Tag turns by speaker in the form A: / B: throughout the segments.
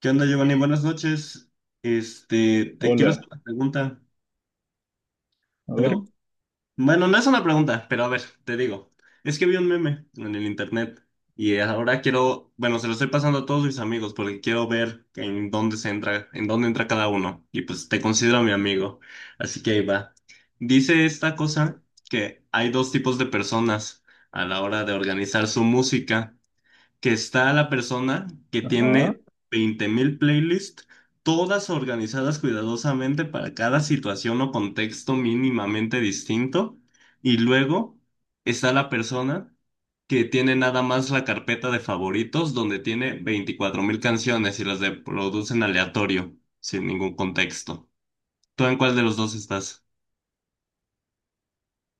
A: ¿Qué onda, Giovanni? Buenas noches. Este, te quiero hacer
B: Hola,
A: una pregunta.
B: a ver.
A: Bueno, bueno, no es una pregunta, pero a ver, te digo. Es que vi un meme en el internet y ahora quiero, bueno, se lo estoy pasando a todos mis amigos porque quiero ver en dónde se entra, en dónde entra cada uno. Y pues te considero mi amigo. Así que ahí va. Dice esta cosa que hay dos tipos de personas a la hora de organizar su música, que está la persona que
B: Ajá.
A: tiene 20.000 playlists, todas organizadas cuidadosamente para cada situación o contexto mínimamente distinto. Y luego está la persona que tiene nada más la carpeta de favoritos donde tiene 24.000 canciones y las reproducen aleatorio, sin ningún contexto. ¿Tú en cuál de los dos estás?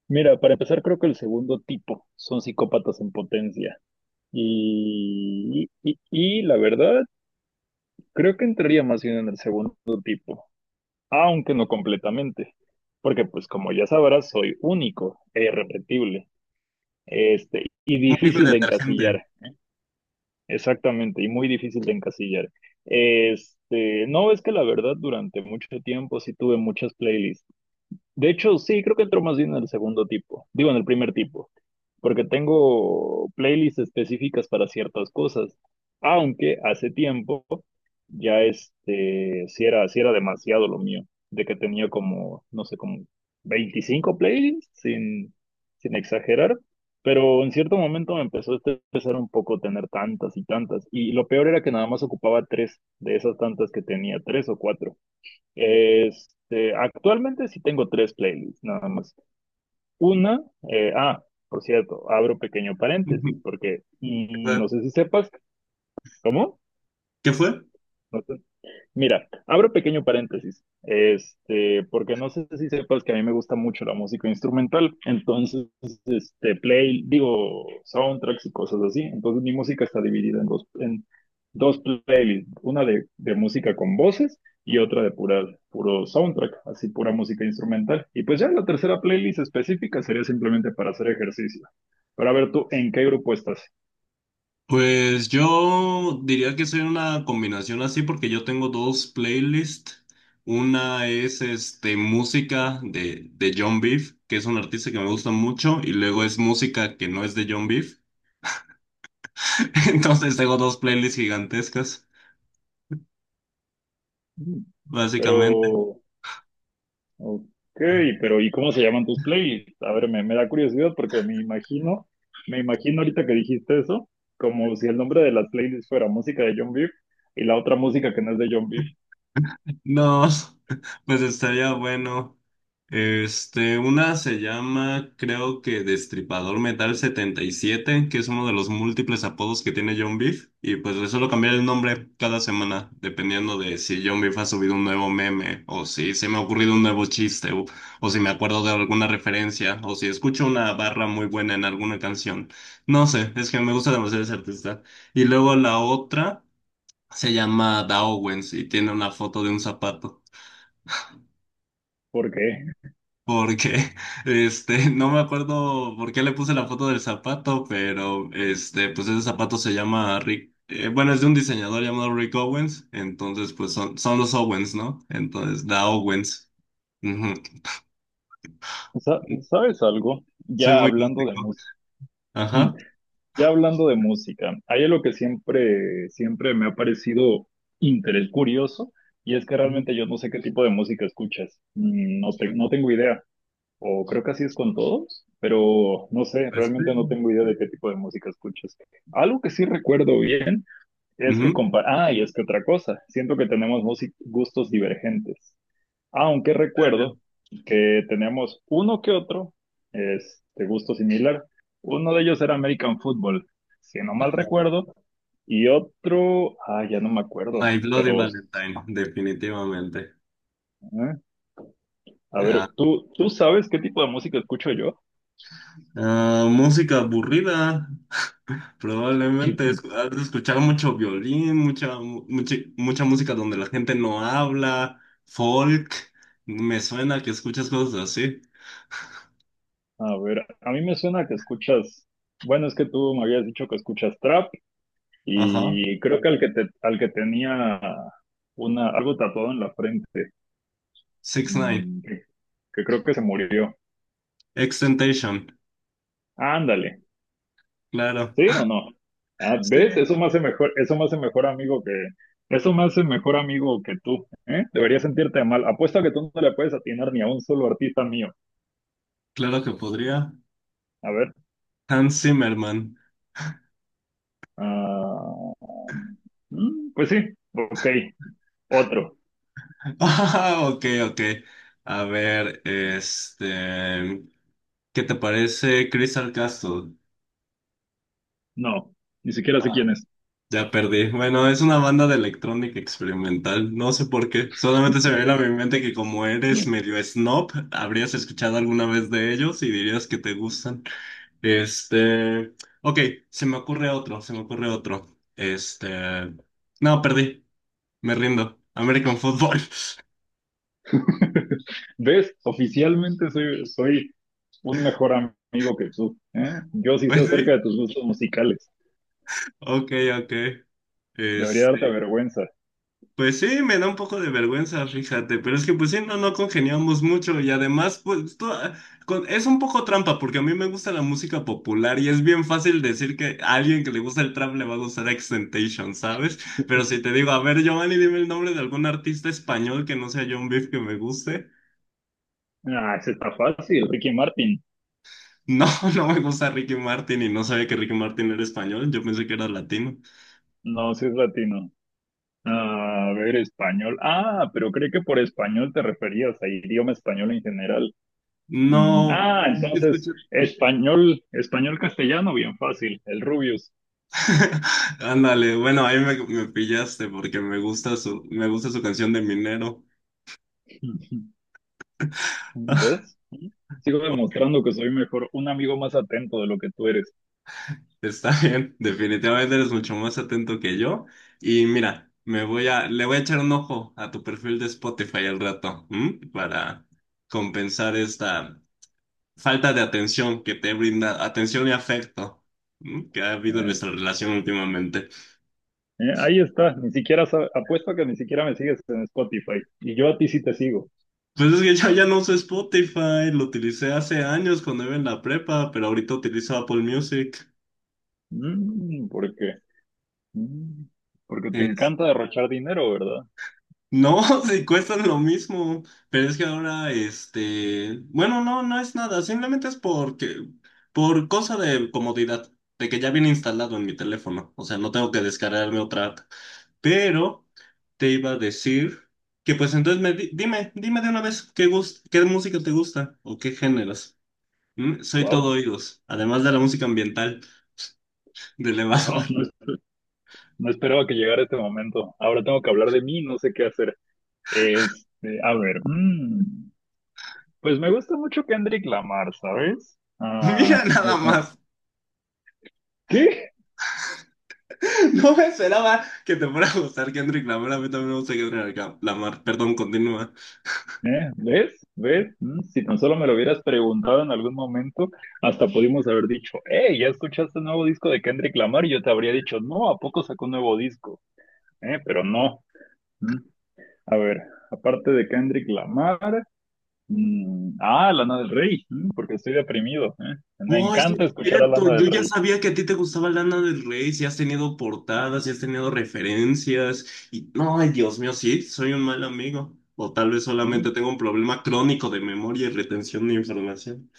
B: Mira, para empezar, creo que el segundo tipo son psicópatas en potencia. Y la verdad, creo que entraría más bien en el segundo tipo, aunque no completamente. Porque, pues, como ya sabrás, soy único e irrepetible. Y
A: Único y
B: difícil de
A: detergente.
B: encasillar. Exactamente, y muy difícil de encasillar. No, es que la verdad, durante mucho tiempo sí tuve muchas playlists. De hecho, sí, creo que entró más bien en el segundo tipo. Digo, en el primer tipo, porque tengo playlists específicas para ciertas cosas. Aunque hace tiempo ya si era demasiado lo mío, de que tenía como, no sé, como 25 playlists, sin exagerar, pero en cierto momento me empezó a estresar un poco tener tantas y tantas, y lo peor era que nada más ocupaba tres de esas tantas que tenía, tres o cuatro. Actualmente sí tengo tres playlists, nada más. Una, por cierto, abro pequeño paréntesis, porque no sé si sepas, ¿cómo?
A: ¿Qué fue?
B: Mira, abro pequeño paréntesis, porque no sé si sepas que a mí me gusta mucho la música instrumental, entonces, digo, soundtracks y cosas así, entonces mi música está dividida en dos playlists, una de música con voces y otra de puro soundtrack, así pura música instrumental, y pues ya la tercera playlist específica sería simplemente para hacer ejercicio, para ver tú en qué grupo estás,
A: Pues yo diría que soy una combinación así porque yo tengo dos playlists. Una es este, música de John Beef, que es un artista que me gusta mucho, y luego es música que no es de John Beef. Entonces tengo dos playlists gigantescas.
B: pero... Ok, pero ¿y cómo se llaman tus playlists? A ver, me da curiosidad porque me imagino ahorita que dijiste eso, como si el nombre de las playlists fuera música de John Beef y la otra música que no es de John Beef.
A: No, pues estaría bueno. Este, una se llama, creo que Destripador Metal 77, que es uno de los múltiples apodos que tiene John Beef. Y pues le suelo cambiar el nombre cada semana, dependiendo de si John Beef ha subido un nuevo meme, o si se me ha ocurrido un nuevo chiste, o si me acuerdo de alguna referencia, o si escucho una barra muy buena en alguna canción. No sé, es que me gusta demasiado ese artista. Y luego la otra se llama Da y tiene una foto de un zapato.
B: ¿Por qué?
A: Porque, este, no me acuerdo por qué le puse la foto del zapato, pero, este, pues ese zapato se llama Rick, bueno, es de un diseñador llamado Rick Owens, entonces, pues son los Owens, ¿no? Entonces, Da Owens. Ujú.
B: ¿Sabes algo?
A: Soy
B: Ya
A: muy
B: hablando de
A: gótico.
B: música,
A: Ajá.
B: ya hablando de música, hay algo que siempre, siempre me ha parecido interés curioso y es que
A: Ujú.
B: realmente yo no sé qué tipo de música escuchas. No, no tengo idea. O creo que así es con todos, pero no sé,
A: Pues sí.
B: realmente no tengo idea de qué tipo de música escuchas. Algo que sí recuerdo bien es que
A: Ujú.
B: y es que otra cosa, siento que tenemos gustos divergentes, aunque recuerdo que tenemos uno que otro es de gusto similar. Uno de ellos era American Football, si no mal recuerdo, y otro, ah, ya no me acuerdo,
A: My Bloody
B: pero ¿eh?
A: Valentine, definitivamente.
B: A
A: Ah,
B: ver, tú sabes qué tipo de música escucho yo?
A: ah, música aburrida. Probablemente has de escuchar mucho violín, mucha música donde la gente no habla, folk. Me suena que escuchas cosas así.
B: A ver, a mí me suena que escuchas, bueno, es que tú me habías dicho que escuchas trap
A: Ajá.
B: y creo que al que al que tenía una, algo tatuado en la frente,
A: Six Nine.
B: mm, que, que creo que se murió.
A: Extentation.
B: Ándale,
A: Claro.
B: ¿sí o no? Ah,
A: Sí,
B: ¿ves? Eso me hace mejor, eso me hace mejor amigo que, eso me hace mejor amigo que tú, ¿eh? Deberías sentirte mal. Apuesto a que tú no le puedes atinar ni a un solo artista mío.
A: claro que podría.
B: A ver,
A: Hans Zimmerman.
B: ah, pues sí, ok, otro.
A: Ah, ok, ok. A ver, este. ¿Qué te parece Crystal Castle?
B: No, ni siquiera sé quién es.
A: Ya perdí. Bueno, es una banda de electrónica experimental. No sé por qué. Solamente se me viene a mi mente que como eres medio snob, habrías escuchado alguna vez de ellos y dirías que te gustan. Este, ok, se me ocurre otro. Este, no, perdí. Me rindo. American Football.
B: ¿Ves? Oficialmente soy un mejor amigo que tú, ¿eh? Yo sí sé
A: Pues
B: acerca
A: sí.
B: de tus gustos musicales.
A: Ok, ok.
B: Debería
A: Este,
B: darte vergüenza.
A: pues sí, me da un poco de vergüenza, fíjate, pero es que pues sí, no, no congeniamos mucho y además pues tú- con- es un poco trampa porque a mí me gusta la música popular y es bien fácil decir que a alguien que le gusta el trap le va a gustar Extentation, ¿sabes? Pero si te digo, a ver, Giovanni, dime el nombre de algún artista español que no sea John Beef que me guste.
B: Ah, ese está fácil. Ricky Martin.
A: No, no me gusta Ricky Martin y no sabía que Ricky Martin era español, yo pensé que era latino.
B: No, si es latino. A ver, español. Ah, pero creí que por español te referías a idioma español en general.
A: No,
B: Entonces, español, español castellano, bien fácil. El Rubius.
A: ándale, bueno, ahí me pillaste porque me gusta su canción de Minero.
B: ¿Ves? Sigo demostrando que soy mejor, un amigo más atento de lo que tú eres.
A: Está bien, definitivamente eres mucho más atento que yo. Y mira, le voy a echar un ojo a tu perfil de Spotify al rato, ¿m? Para compensar esta falta de atención que te brinda, atención y afecto, ¿m? Que ha habido en
B: Eh,
A: nuestra relación últimamente.
B: ahí está, ni siquiera apuesto a que ni siquiera me sigues en Spotify. Y yo a ti sí te sigo.
A: Pues es que yo ya no uso Spotify, lo utilicé hace años cuando iba en la prepa, pero ahorita utilizo Apple Music.
B: ¿Por qué? Mm, Porque te
A: Es-
B: encanta derrochar dinero, ¿verdad?
A: no, si cuestan lo mismo, pero es que ahora, este, bueno, no, no es nada, simplemente es porque, por cosa de comodidad, de que ya viene instalado en mi teléfono, o sea, no tengo que descargarme otra app. Pero te iba a decir que, pues entonces, dime de una vez qué música te gusta o qué géneros. ¿Mm? Soy todo
B: Wow,
A: oídos, además de la música ambiental de
B: wow,
A: elevador.
B: no, no esperaba que llegara este momento. Ahora tengo que hablar de mí, no sé qué hacer. A ver, pues me gusta mucho Kendrick Lamar, ¿sabes?
A: Mira
B: Ah, o
A: nada
B: sea,
A: más.
B: ¿qué?
A: No me esperaba que te fuera a gustar Kendrick Lamar. A mí también me gusta Kendrick Lamar. Perdón, continúa.
B: ¿Eh? ¿Ves? ¿Ves? Si tan solo me lo hubieras preguntado en algún momento, hasta pudimos haber dicho, hey, ¿ya escuchaste el nuevo disco de Kendrick Lamar? Y yo te habría dicho, no, ¿a poco sacó un nuevo disco? ¿Eh? Pero no. Mm. A ver, aparte de Kendrick Lamar, Lana del Rey, mm, porque estoy deprimido. ¿Eh? Me
A: Oye,
B: encanta
A: es
B: escuchar a
A: cierto.
B: Lana del
A: Yo ya
B: Rey.
A: sabía que a ti te gustaba Lana del Rey. Si has tenido portadas, si has tenido referencias. Y no, ay, Dios mío, sí, soy un mal amigo. O tal vez
B: Mm.
A: solamente tengo un problema crónico de memoria y retención de información.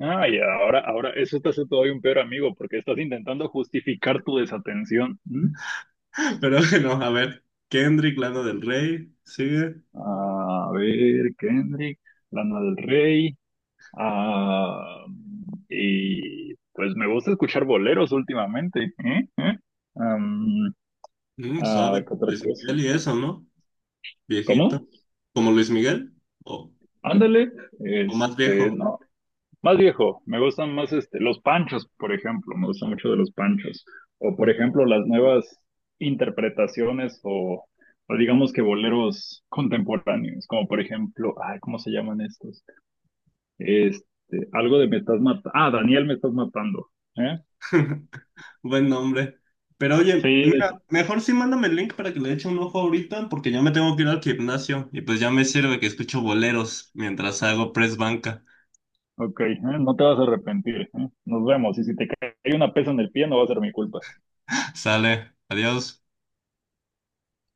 B: Ah, y ahora, ahora, eso te hace todavía un peor amigo, porque estás intentando justificar tu desatención. ¿M?
A: Pero bueno, a ver. Kendrick, Lana del Rey. Sigue.
B: A ver, Kendrick, Lana del Rey. Ah, y pues me gusta escuchar boleros últimamente, ¿eh? ¿Eh? Am,
A: Mm, suave.
B: ¿Qué otra
A: Luis
B: cosa?
A: Miguel y eso, ¿no? Viejito.
B: ¿Cómo?
A: ¿Como Luis Miguel? ¿O,
B: Ándale,
A: o más viejo?
B: no, más viejo, me gustan más los panchos, por ejemplo, me gusta mucho de los panchos, o por
A: Ujú.
B: ejemplo las nuevas interpretaciones o digamos que boleros contemporáneos, como por ejemplo, ay, ¿cómo se llaman estos? Este, algo de me estás matando, ah, Daniel me estás matando, ¿eh?
A: Buen nombre. Pero oye,
B: Sí,
A: mira, mejor sí mándame el link para que le eche un ojo ahorita, porque ya me tengo que ir al gimnasio y pues ya me sirve que escucho boleros mientras hago press banca.
B: ok, ¿eh? No te vas a arrepentir, ¿eh? Nos vemos. Y si te cae una pesa en el pie, no va a ser mi culpa.
A: Sale, adiós.